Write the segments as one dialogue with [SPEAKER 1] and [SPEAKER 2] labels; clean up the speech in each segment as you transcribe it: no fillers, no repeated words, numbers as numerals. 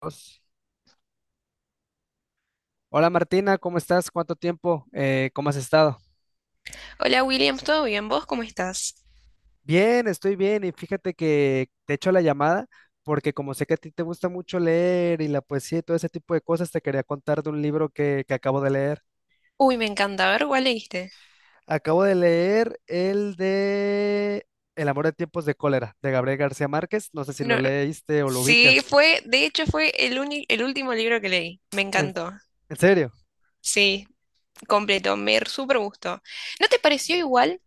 [SPEAKER 1] Dios. Hola Martina, ¿cómo estás? ¿Cuánto tiempo? ¿Cómo has estado?
[SPEAKER 2] Hola William, ¿todo bien? ¿Vos cómo estás?
[SPEAKER 1] Bien, estoy bien y fíjate que te echo la llamada porque como sé que a ti te gusta mucho leer y la poesía y todo ese tipo de cosas, te quería contar de un libro que acabo de leer.
[SPEAKER 2] Uy, me encanta. A ver, ¿cuál leíste?
[SPEAKER 1] Acabo de leer el de El amor en tiempos de cólera de Gabriel García Márquez. No sé si lo
[SPEAKER 2] No, no.
[SPEAKER 1] leíste o lo
[SPEAKER 2] Sí,
[SPEAKER 1] ubicas.
[SPEAKER 2] fue, de hecho fue el último libro que leí. Me
[SPEAKER 1] ¿En,
[SPEAKER 2] encantó.
[SPEAKER 1] ¿en serio?
[SPEAKER 2] Sí, completo. Me súper gustó. ¿No te pareció igual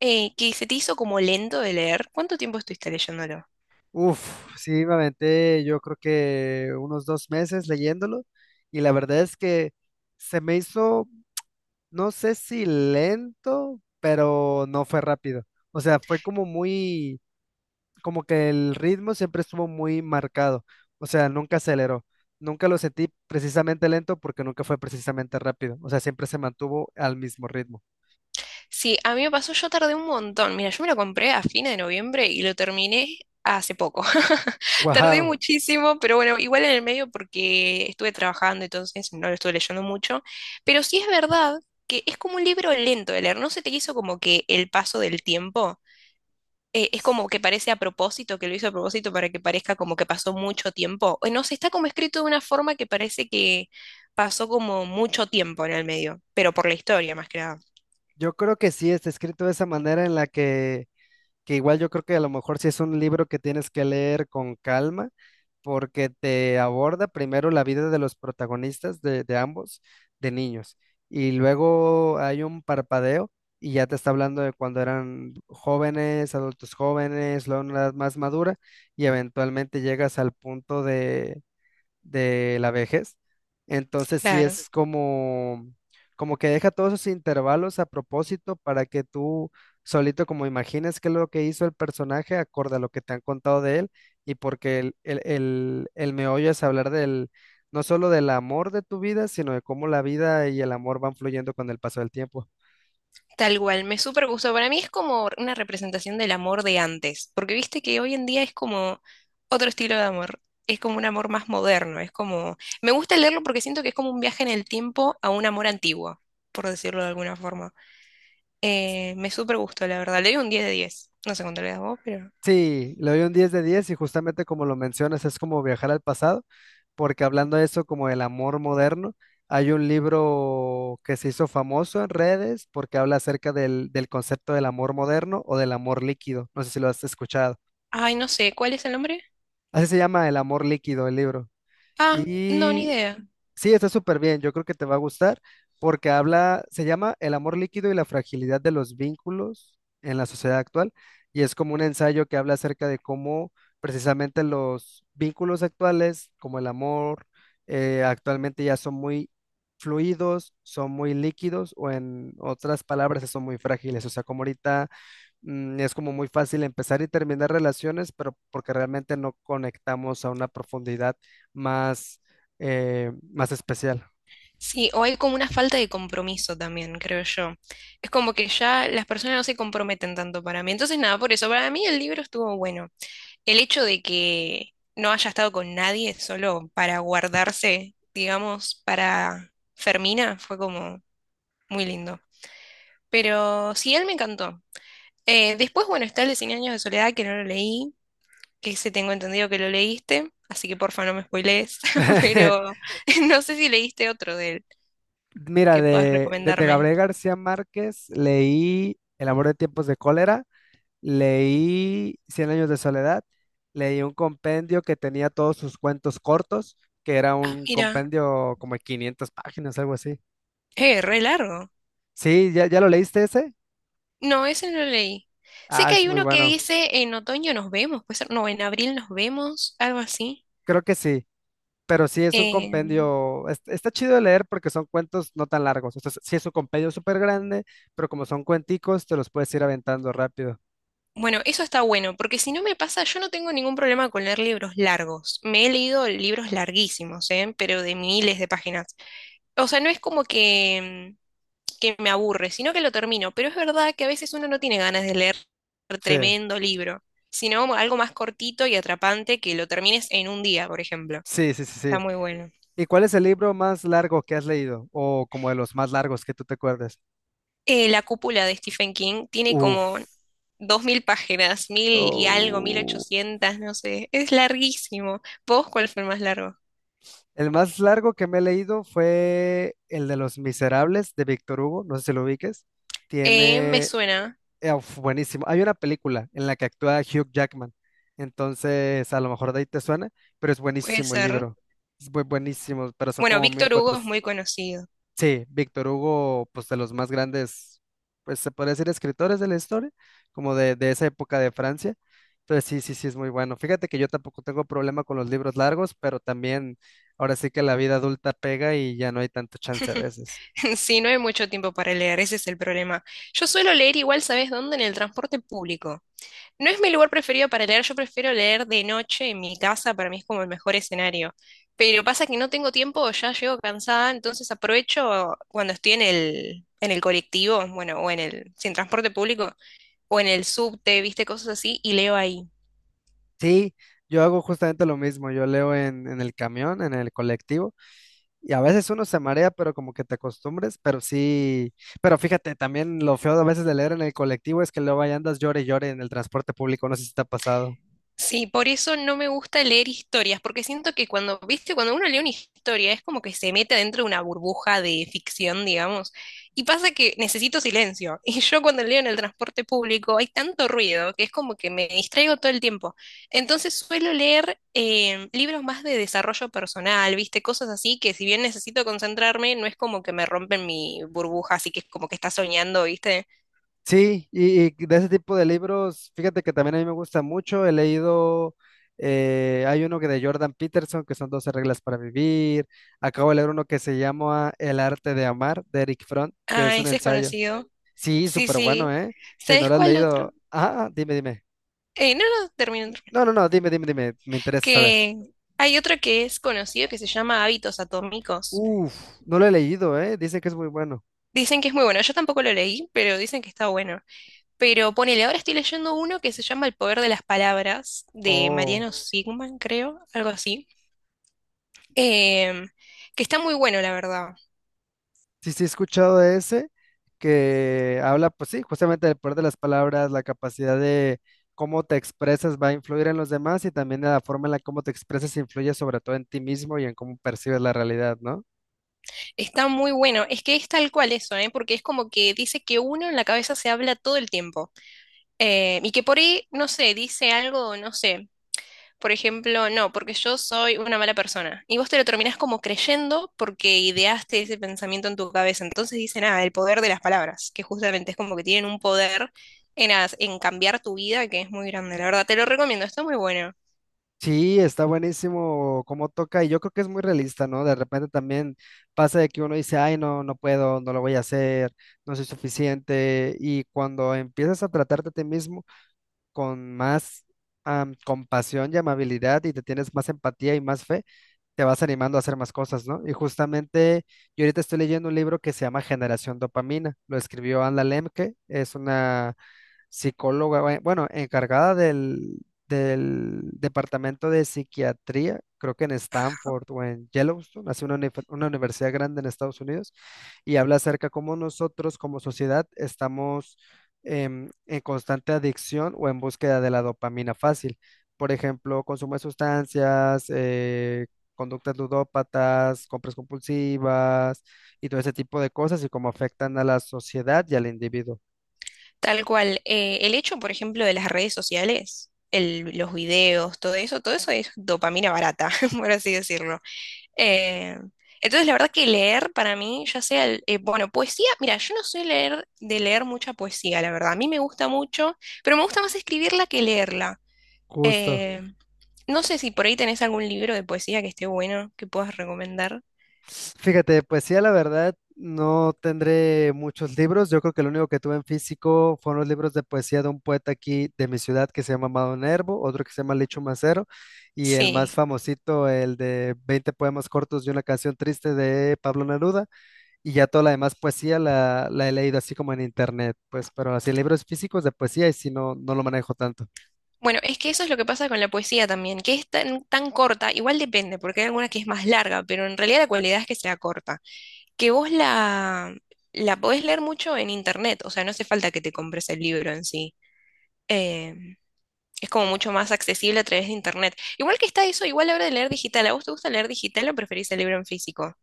[SPEAKER 2] que se te hizo como lento de leer? ¿Cuánto tiempo estuviste leyéndolo?
[SPEAKER 1] Uf, sí, me aventé yo creo que unos 2 meses leyéndolo y la verdad es que se me hizo no sé si lento, pero no fue rápido. O sea, fue como muy, como que el ritmo siempre estuvo muy marcado. O sea, nunca aceleró. Nunca lo sentí precisamente lento porque nunca fue precisamente rápido. O sea, siempre se mantuvo al mismo ritmo.
[SPEAKER 2] Sí, a mí me pasó, yo tardé un montón. Mira, yo me lo compré a fines de noviembre y lo terminé hace poco. Tardé
[SPEAKER 1] Wow.
[SPEAKER 2] muchísimo, pero bueno, igual en el medio porque estuve trabajando, entonces no lo estuve leyendo mucho. Pero sí es verdad que es como un libro lento de leer. ¿No se te hizo como que el paso del tiempo? Es como que parece a propósito, que lo hizo a propósito para que parezca como que pasó mucho tiempo. No sé, está como escrito de una forma que parece que pasó como mucho tiempo en el medio, pero por la historia más que nada.
[SPEAKER 1] Yo creo que sí está escrito de esa manera en la que igual yo creo que a lo mejor sí es un libro que tienes que leer con calma, porque te aborda primero la vida de los protagonistas de ambos, de niños, y luego hay un parpadeo y ya te está hablando de cuando eran jóvenes, adultos jóvenes, luego una edad más madura, y eventualmente llegas al punto de la vejez. Entonces sí
[SPEAKER 2] Claro,
[SPEAKER 1] es como, como que deja todos esos intervalos a propósito para que tú solito como imagines qué es lo que hizo el personaje acorde a lo que te han contado de él y porque el meollo es hablar no solo del amor de tu vida, sino de cómo la vida y el amor van fluyendo con el paso del tiempo.
[SPEAKER 2] tal cual. Me súper gustó. Para mí es como una representación del amor de antes, porque viste que hoy en día es como otro estilo de amor. Es como un amor más moderno. Es como. Me gusta leerlo porque siento que es como un viaje en el tiempo a un amor antiguo, por decirlo de alguna forma. Me súper gustó, la verdad. Le doy un 10/10. No sé cuánto le das vos, pero.
[SPEAKER 1] Sí, le doy un 10 de 10 y justamente como lo mencionas, es como viajar al pasado, porque hablando de eso como el amor moderno, hay un libro que se hizo famoso en redes porque habla acerca del concepto del amor moderno o del amor líquido, no sé si lo has escuchado.
[SPEAKER 2] Ay, no sé. ¿Cuál es el nombre?
[SPEAKER 1] Así se llama El amor líquido, el libro.
[SPEAKER 2] Ah, no, ni
[SPEAKER 1] Y
[SPEAKER 2] idea.
[SPEAKER 1] sí, está súper bien. Yo creo que te va a gustar porque habla, se llama El amor líquido y la fragilidad de los vínculos en la sociedad actual y es como un ensayo que habla acerca de cómo precisamente los vínculos actuales, como el amor, actualmente ya son muy fluidos, son muy líquidos o en otras palabras son muy frágiles. O sea, como ahorita es como muy fácil empezar y terminar relaciones, pero porque realmente no conectamos a una profundidad más, más especial.
[SPEAKER 2] Sí, o hay como una falta de compromiso también, creo yo. Es como que ya las personas no se comprometen tanto para mí. Entonces, nada, por eso, para mí el libro estuvo bueno. El hecho de que no haya estado con nadie solo para guardarse, digamos, para Fermina, fue como muy lindo. Pero sí, él me encantó. Después, bueno, está el de Cien años de soledad, que no lo leí, que ese tengo entendido que lo leíste, así que porfa no me spoilees, pero no sé si leíste otro de él.
[SPEAKER 1] Mira,
[SPEAKER 2] Que puedas
[SPEAKER 1] de
[SPEAKER 2] recomendarme.
[SPEAKER 1] Gabriel García Márquez leí El amor de tiempos de cólera, leí Cien años de soledad, leí un compendio que tenía todos sus cuentos cortos, que era
[SPEAKER 2] Ah,
[SPEAKER 1] un
[SPEAKER 2] mira,
[SPEAKER 1] compendio como de 500 páginas, algo así.
[SPEAKER 2] re largo.
[SPEAKER 1] Sí, ¿ya lo leíste ese?
[SPEAKER 2] No, ese no lo leí. Sé
[SPEAKER 1] Ah,
[SPEAKER 2] que
[SPEAKER 1] es
[SPEAKER 2] hay
[SPEAKER 1] muy
[SPEAKER 2] uno que
[SPEAKER 1] bueno.
[SPEAKER 2] dice en otoño nos vemos, puede ser, no, en abril nos vemos, algo así.
[SPEAKER 1] Creo que sí. Pero sí es un
[SPEAKER 2] Eh,
[SPEAKER 1] compendio, está chido de leer porque son cuentos no tan largos. O sea, sí es un compendio súper grande, pero como son cuenticos, te los puedes ir aventando rápido.
[SPEAKER 2] bueno, eso está bueno, porque si no me pasa, yo no tengo ningún problema con leer libros largos. Me he leído libros larguísimos, ¿eh? Pero de miles de páginas. O sea, no es como que me aburre, sino que lo termino. Pero es verdad que a veces uno no tiene ganas de leer
[SPEAKER 1] Sí,
[SPEAKER 2] tremendo libro, sino algo más cortito y atrapante que lo termines en un día, por ejemplo.
[SPEAKER 1] sí.
[SPEAKER 2] Está muy bueno.
[SPEAKER 1] ¿Y cuál es el libro más largo que has leído? O como de los más largos que tú te acuerdes.
[SPEAKER 2] La cúpula de Stephen King tiene
[SPEAKER 1] Uf.
[SPEAKER 2] como 2000 páginas, mil y algo, mil
[SPEAKER 1] Oh.
[SPEAKER 2] ochocientas, no sé. Es larguísimo. ¿Vos cuál fue el más largo?
[SPEAKER 1] El más largo que me he leído fue el de Los Miserables de Víctor Hugo, no sé si lo ubiques.
[SPEAKER 2] Me
[SPEAKER 1] Tiene
[SPEAKER 2] suena,
[SPEAKER 1] Uf, buenísimo. Hay una película en la que actúa Hugh Jackman. Entonces, a lo mejor de ahí te suena, pero es
[SPEAKER 2] puede
[SPEAKER 1] buenísimo el
[SPEAKER 2] ser.
[SPEAKER 1] libro. Es muy buenísimo, pero son
[SPEAKER 2] Bueno,
[SPEAKER 1] como
[SPEAKER 2] Víctor Hugo es
[SPEAKER 1] 1.400.
[SPEAKER 2] muy conocido.
[SPEAKER 1] Sí, Víctor Hugo, pues de los más grandes, pues se podría decir escritores de la historia, como de esa época de Francia. Entonces, sí, es muy bueno. Fíjate que yo tampoco tengo problema con los libros largos, pero también ahora sí que la vida adulta pega y ya no hay tanto chance a veces.
[SPEAKER 2] Sí, no hay mucho tiempo para leer, ese es el problema. Yo suelo leer igual, ¿sabes dónde? En el transporte público. No es mi lugar preferido para leer, yo prefiero leer de noche en mi casa, para mí es como el mejor escenario. Pero pasa que no tengo tiempo, ya llego cansada, entonces aprovecho cuando estoy en el colectivo, bueno, o en el, sin transporte público, o en el subte, viste, cosas así, y leo ahí.
[SPEAKER 1] Sí, yo hago justamente lo mismo. Yo leo en el camión, en el colectivo. Y a veces uno se marea, pero como que te acostumbres, pero sí, pero fíjate, también lo feo a veces de leer en el colectivo es que luego ahí andas llore y llore en el transporte público, no sé si te ha pasado.
[SPEAKER 2] Sí, por eso no me gusta leer historias, porque siento que cuando, viste, cuando uno lee una historia es como que se mete dentro de una burbuja de ficción, digamos, y pasa que necesito silencio. Y yo cuando leo en el transporte público hay tanto ruido que es como que me distraigo todo el tiempo. Entonces suelo leer libros más de desarrollo personal, viste, cosas así que si bien necesito concentrarme, no es como que me rompen mi burbuja, así que es como que está soñando, viste.
[SPEAKER 1] Sí, y de ese tipo de libros, fíjate que también a mí me gusta mucho, he leído, hay uno que de Jordan Peterson, que son 12 reglas para vivir, acabo de leer uno que se llama El arte de amar, de Eric Fromm, que es
[SPEAKER 2] Ah,
[SPEAKER 1] un
[SPEAKER 2] ese es
[SPEAKER 1] ensayo.
[SPEAKER 2] conocido.
[SPEAKER 1] Sí,
[SPEAKER 2] Sí,
[SPEAKER 1] súper bueno,
[SPEAKER 2] sí.
[SPEAKER 1] ¿eh? Si no
[SPEAKER 2] ¿Sabes
[SPEAKER 1] lo has
[SPEAKER 2] cuál otro?
[SPEAKER 1] leído, ah, ah, dime.
[SPEAKER 2] No, no, termino, termino.
[SPEAKER 1] No, no, no, dime, me interesa saber.
[SPEAKER 2] Que hay otro que es conocido que se llama Hábitos Atómicos.
[SPEAKER 1] Uf, no lo he leído, ¿eh? Dice que es muy bueno.
[SPEAKER 2] Dicen que es muy bueno. Yo tampoco lo leí, pero dicen que está bueno. Pero ponele, ahora estoy leyendo uno que se llama El poder de las palabras, de
[SPEAKER 1] Oh,
[SPEAKER 2] Mariano Sigman, creo, algo así. Em, que está muy bueno, la verdad.
[SPEAKER 1] sí, sí, he escuchado de ese que habla, pues sí, justamente del poder de las palabras, la capacidad de cómo te expresas va a influir en los demás y también de la forma en la cómo te expresas influye sobre todo en ti mismo y en cómo percibes la realidad, ¿no?
[SPEAKER 2] Está muy bueno. Es que es tal cual eso, ¿eh? Porque es como que dice que uno en la cabeza se habla todo el tiempo. Y que por ahí, no sé, dice algo, no sé. Por ejemplo, no, porque yo soy una mala persona. Y vos te lo terminás como creyendo porque ideaste ese pensamiento en tu cabeza. Entonces dicen, ah, el poder de las palabras, que justamente es como que tienen un poder en cambiar tu vida que es muy grande. La verdad, te lo recomiendo, está muy bueno.
[SPEAKER 1] Sí, está buenísimo cómo toca y yo creo que es muy realista, ¿no? De repente también pasa de que uno dice, ay, no, no puedo, no lo voy a hacer, no soy suficiente y cuando empiezas a tratarte a ti mismo con más compasión y amabilidad y te tienes más empatía y más fe, te vas animando a hacer más cosas, ¿no? Y justamente yo ahorita estoy leyendo un libro que se llama Generación Dopamina, lo escribió Anna Lemke, es una psicóloga, bueno, encargada del departamento de psiquiatría, creo que en Stanford o en Yellowstone, hace una, una universidad grande en Estados Unidos, y habla acerca cómo nosotros como sociedad estamos en constante adicción o en búsqueda de la dopamina fácil. Por ejemplo, consumo de sustancias, conductas ludópatas, compras compulsivas y todo ese tipo de cosas y cómo afectan a la sociedad y al individuo.
[SPEAKER 2] Tal cual, el hecho, por ejemplo, de las redes sociales, los videos, todo eso es dopamina barata, por así decirlo. Eh, entonces, la verdad que leer para mí, ya sea, bueno, poesía, mira, yo no soy leer, de leer mucha poesía, la verdad. A mí me gusta mucho, pero me gusta más escribirla que leerla.
[SPEAKER 1] Justo.
[SPEAKER 2] Eh, no sé si por ahí tenés algún libro de poesía que esté bueno, que puedas recomendar.
[SPEAKER 1] Fíjate, poesía, la verdad, no tendré muchos libros. Yo creo que lo único que tuve en físico fueron los libros de poesía de un poeta aquí de mi ciudad que se llama Amado Nervo, otro que se llama Licho Macero, y el más
[SPEAKER 2] Sí.
[SPEAKER 1] famosito, el de 20 poemas cortos y una canción triste de Pablo Neruda. Y ya toda la demás poesía la he leído así como en internet, pues, pero así libros físicos de poesía y si no, no lo manejo tanto.
[SPEAKER 2] Bueno, es que eso es lo que pasa con la poesía también, que es tan, tan corta, igual depende, porque hay alguna que es más larga, pero en realidad la cualidad es que sea corta. Que vos la, la podés leer mucho en internet, o sea, no hace falta que te compres el libro en sí. Eh, es como mucho más accesible a través de internet. Igual que está eso, igual a la hora de leer digital. ¿A vos te gusta leer digital o preferís el libro en físico?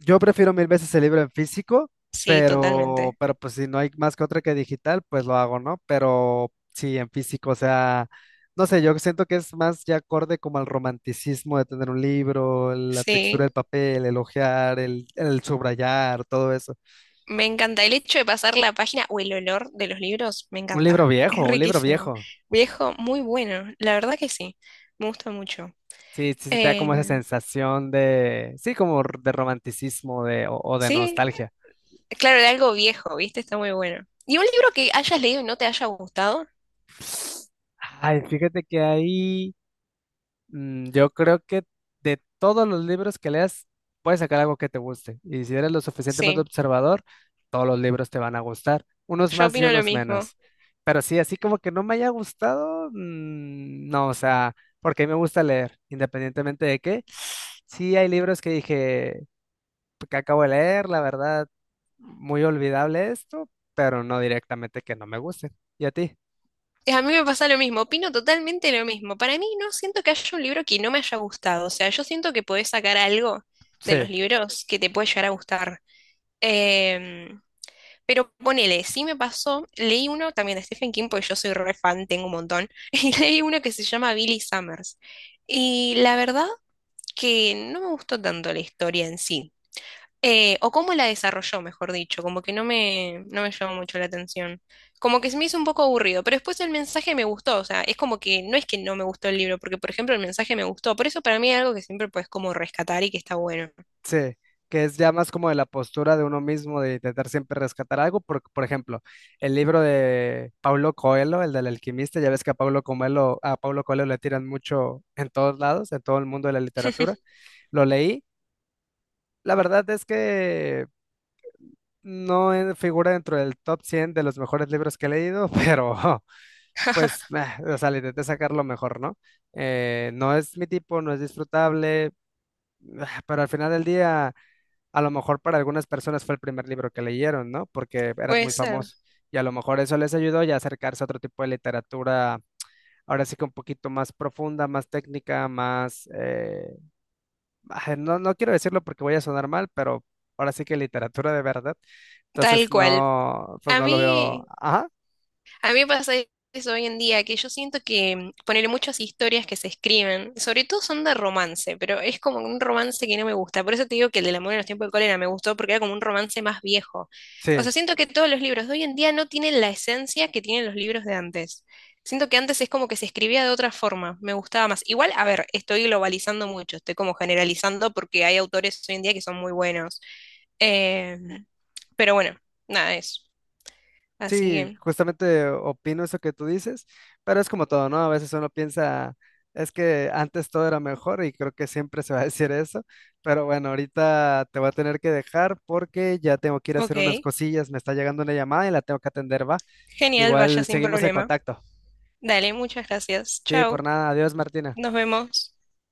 [SPEAKER 1] Yo prefiero mil veces el libro en físico,
[SPEAKER 2] Sí, totalmente.
[SPEAKER 1] pero pues si no hay más que otra que digital, pues lo hago, ¿no? Pero sí, en físico, o sea, no sé, yo siento que es más ya acorde como al romanticismo de tener un libro, la textura del
[SPEAKER 2] Sí,
[SPEAKER 1] papel, el ojear, el subrayar, todo eso.
[SPEAKER 2] me encanta. El hecho de pasar la página o el olor de los libros, me
[SPEAKER 1] Un
[SPEAKER 2] encanta.
[SPEAKER 1] libro
[SPEAKER 2] Es
[SPEAKER 1] viejo, un libro
[SPEAKER 2] riquísimo.
[SPEAKER 1] viejo.
[SPEAKER 2] Viejo, muy bueno. La verdad que sí. Me gusta mucho.
[SPEAKER 1] Sí, sí, se te da
[SPEAKER 2] Eh,
[SPEAKER 1] como esa sensación de, sí, de romanticismo de, o de
[SPEAKER 2] sí,
[SPEAKER 1] nostalgia.
[SPEAKER 2] claro, de algo viejo, ¿viste? Está muy bueno. ¿Y un libro que hayas leído y no te haya gustado?
[SPEAKER 1] Ay, fíjate que ahí... yo creo que de todos los libros que leas, puedes sacar algo que te guste. Y si eres lo suficientemente
[SPEAKER 2] Sí,
[SPEAKER 1] observador, todos los libros te van a gustar, unos
[SPEAKER 2] yo
[SPEAKER 1] más y
[SPEAKER 2] opino lo
[SPEAKER 1] unos
[SPEAKER 2] mismo.
[SPEAKER 1] menos. Pero sí, así como que no me haya gustado, no, o sea, porque a mí me gusta leer, independientemente de qué. Sí, hay libros que dije pues, que acabo de leer, la verdad, muy olvidable esto, pero no directamente que no me guste. ¿Y a ti?
[SPEAKER 2] A mí, me pasa lo mismo, opino totalmente lo mismo. Para mí no siento que haya un libro que no me haya gustado. O sea, yo siento que podés sacar algo de
[SPEAKER 1] Sí.
[SPEAKER 2] los libros que te puede llegar a gustar. Em, pero ponele, sí me pasó, leí uno también de Stephen King, porque yo soy re fan, tengo un montón, y leí uno que se llama Billy Summers. Y la verdad que no me gustó tanto la historia en sí. O cómo la desarrolló, mejor dicho, como que no me llamó mucho la atención. Como que se me hizo un poco aburrido, pero después el mensaje me gustó, o sea, es como que no es que no me gustó el libro, porque por ejemplo el mensaje me gustó, por eso para mí es algo que siempre puedes como rescatar y que está bueno.
[SPEAKER 1] Sí, que es ya más como de la postura de uno mismo de intentar siempre rescatar algo. Por ejemplo, el libro de Paulo Coelho, el del alquimista, ya ves que a Paulo Coelho le tiran mucho en todos lados, en todo el mundo de la literatura. Lo leí. La verdad es que no en- figura dentro del top 100 de los mejores libros que he leído, pero pues, meh, o sea, le intenté sacar lo mejor, ¿no? No es mi tipo, no es disfrutable, ah, pero al final del día a lo mejor para algunas personas fue el primer libro que leyeron, ¿no? Porque era
[SPEAKER 2] Puede
[SPEAKER 1] muy
[SPEAKER 2] ser.
[SPEAKER 1] famoso y a lo mejor eso les ayudó ya a acercarse a otro tipo de literatura, ahora sí que un poquito más profunda, más técnica, más, ah, no, no quiero decirlo porque voy a sonar mal, pero ahora sí que literatura de verdad.
[SPEAKER 2] Tal
[SPEAKER 1] Entonces
[SPEAKER 2] cual.
[SPEAKER 1] no, pues
[SPEAKER 2] A
[SPEAKER 1] no lo veo.
[SPEAKER 2] mí,
[SPEAKER 1] Ajá,
[SPEAKER 2] A mí me pasa eso hoy en día, que yo siento que poner muchas historias que se escriben, sobre todo son de romance, pero es como un romance que no me gusta. Por eso te digo que el del amor en los tiempos de cólera me gustó porque era como un romance más viejo. O sea,
[SPEAKER 1] sí.
[SPEAKER 2] siento que todos los libros de hoy en día no tienen la esencia que tienen los libros de antes. Siento que antes es como que se escribía de otra forma, me gustaba más. Igual, a ver, estoy globalizando mucho, estoy como generalizando porque hay autores hoy en día que son muy buenos. Eh, pero bueno, nada, eso. Así
[SPEAKER 1] Sí,
[SPEAKER 2] que,
[SPEAKER 1] justamente opino eso que tú dices, pero es como todo, ¿no? A veces uno piensa, es que antes todo era mejor y creo que siempre se va a decir eso, pero bueno, ahorita te voy a tener que dejar porque ya tengo que ir a hacer unas
[SPEAKER 2] ok.
[SPEAKER 1] cosillas, me está llegando una llamada y la tengo que atender, ¿va?
[SPEAKER 2] Genial, vaya
[SPEAKER 1] Igual
[SPEAKER 2] sin
[SPEAKER 1] seguimos en
[SPEAKER 2] problema.
[SPEAKER 1] contacto.
[SPEAKER 2] Dale, muchas gracias.
[SPEAKER 1] Sí, por
[SPEAKER 2] Chao,
[SPEAKER 1] nada, adiós, Martina.
[SPEAKER 2] nos vemos.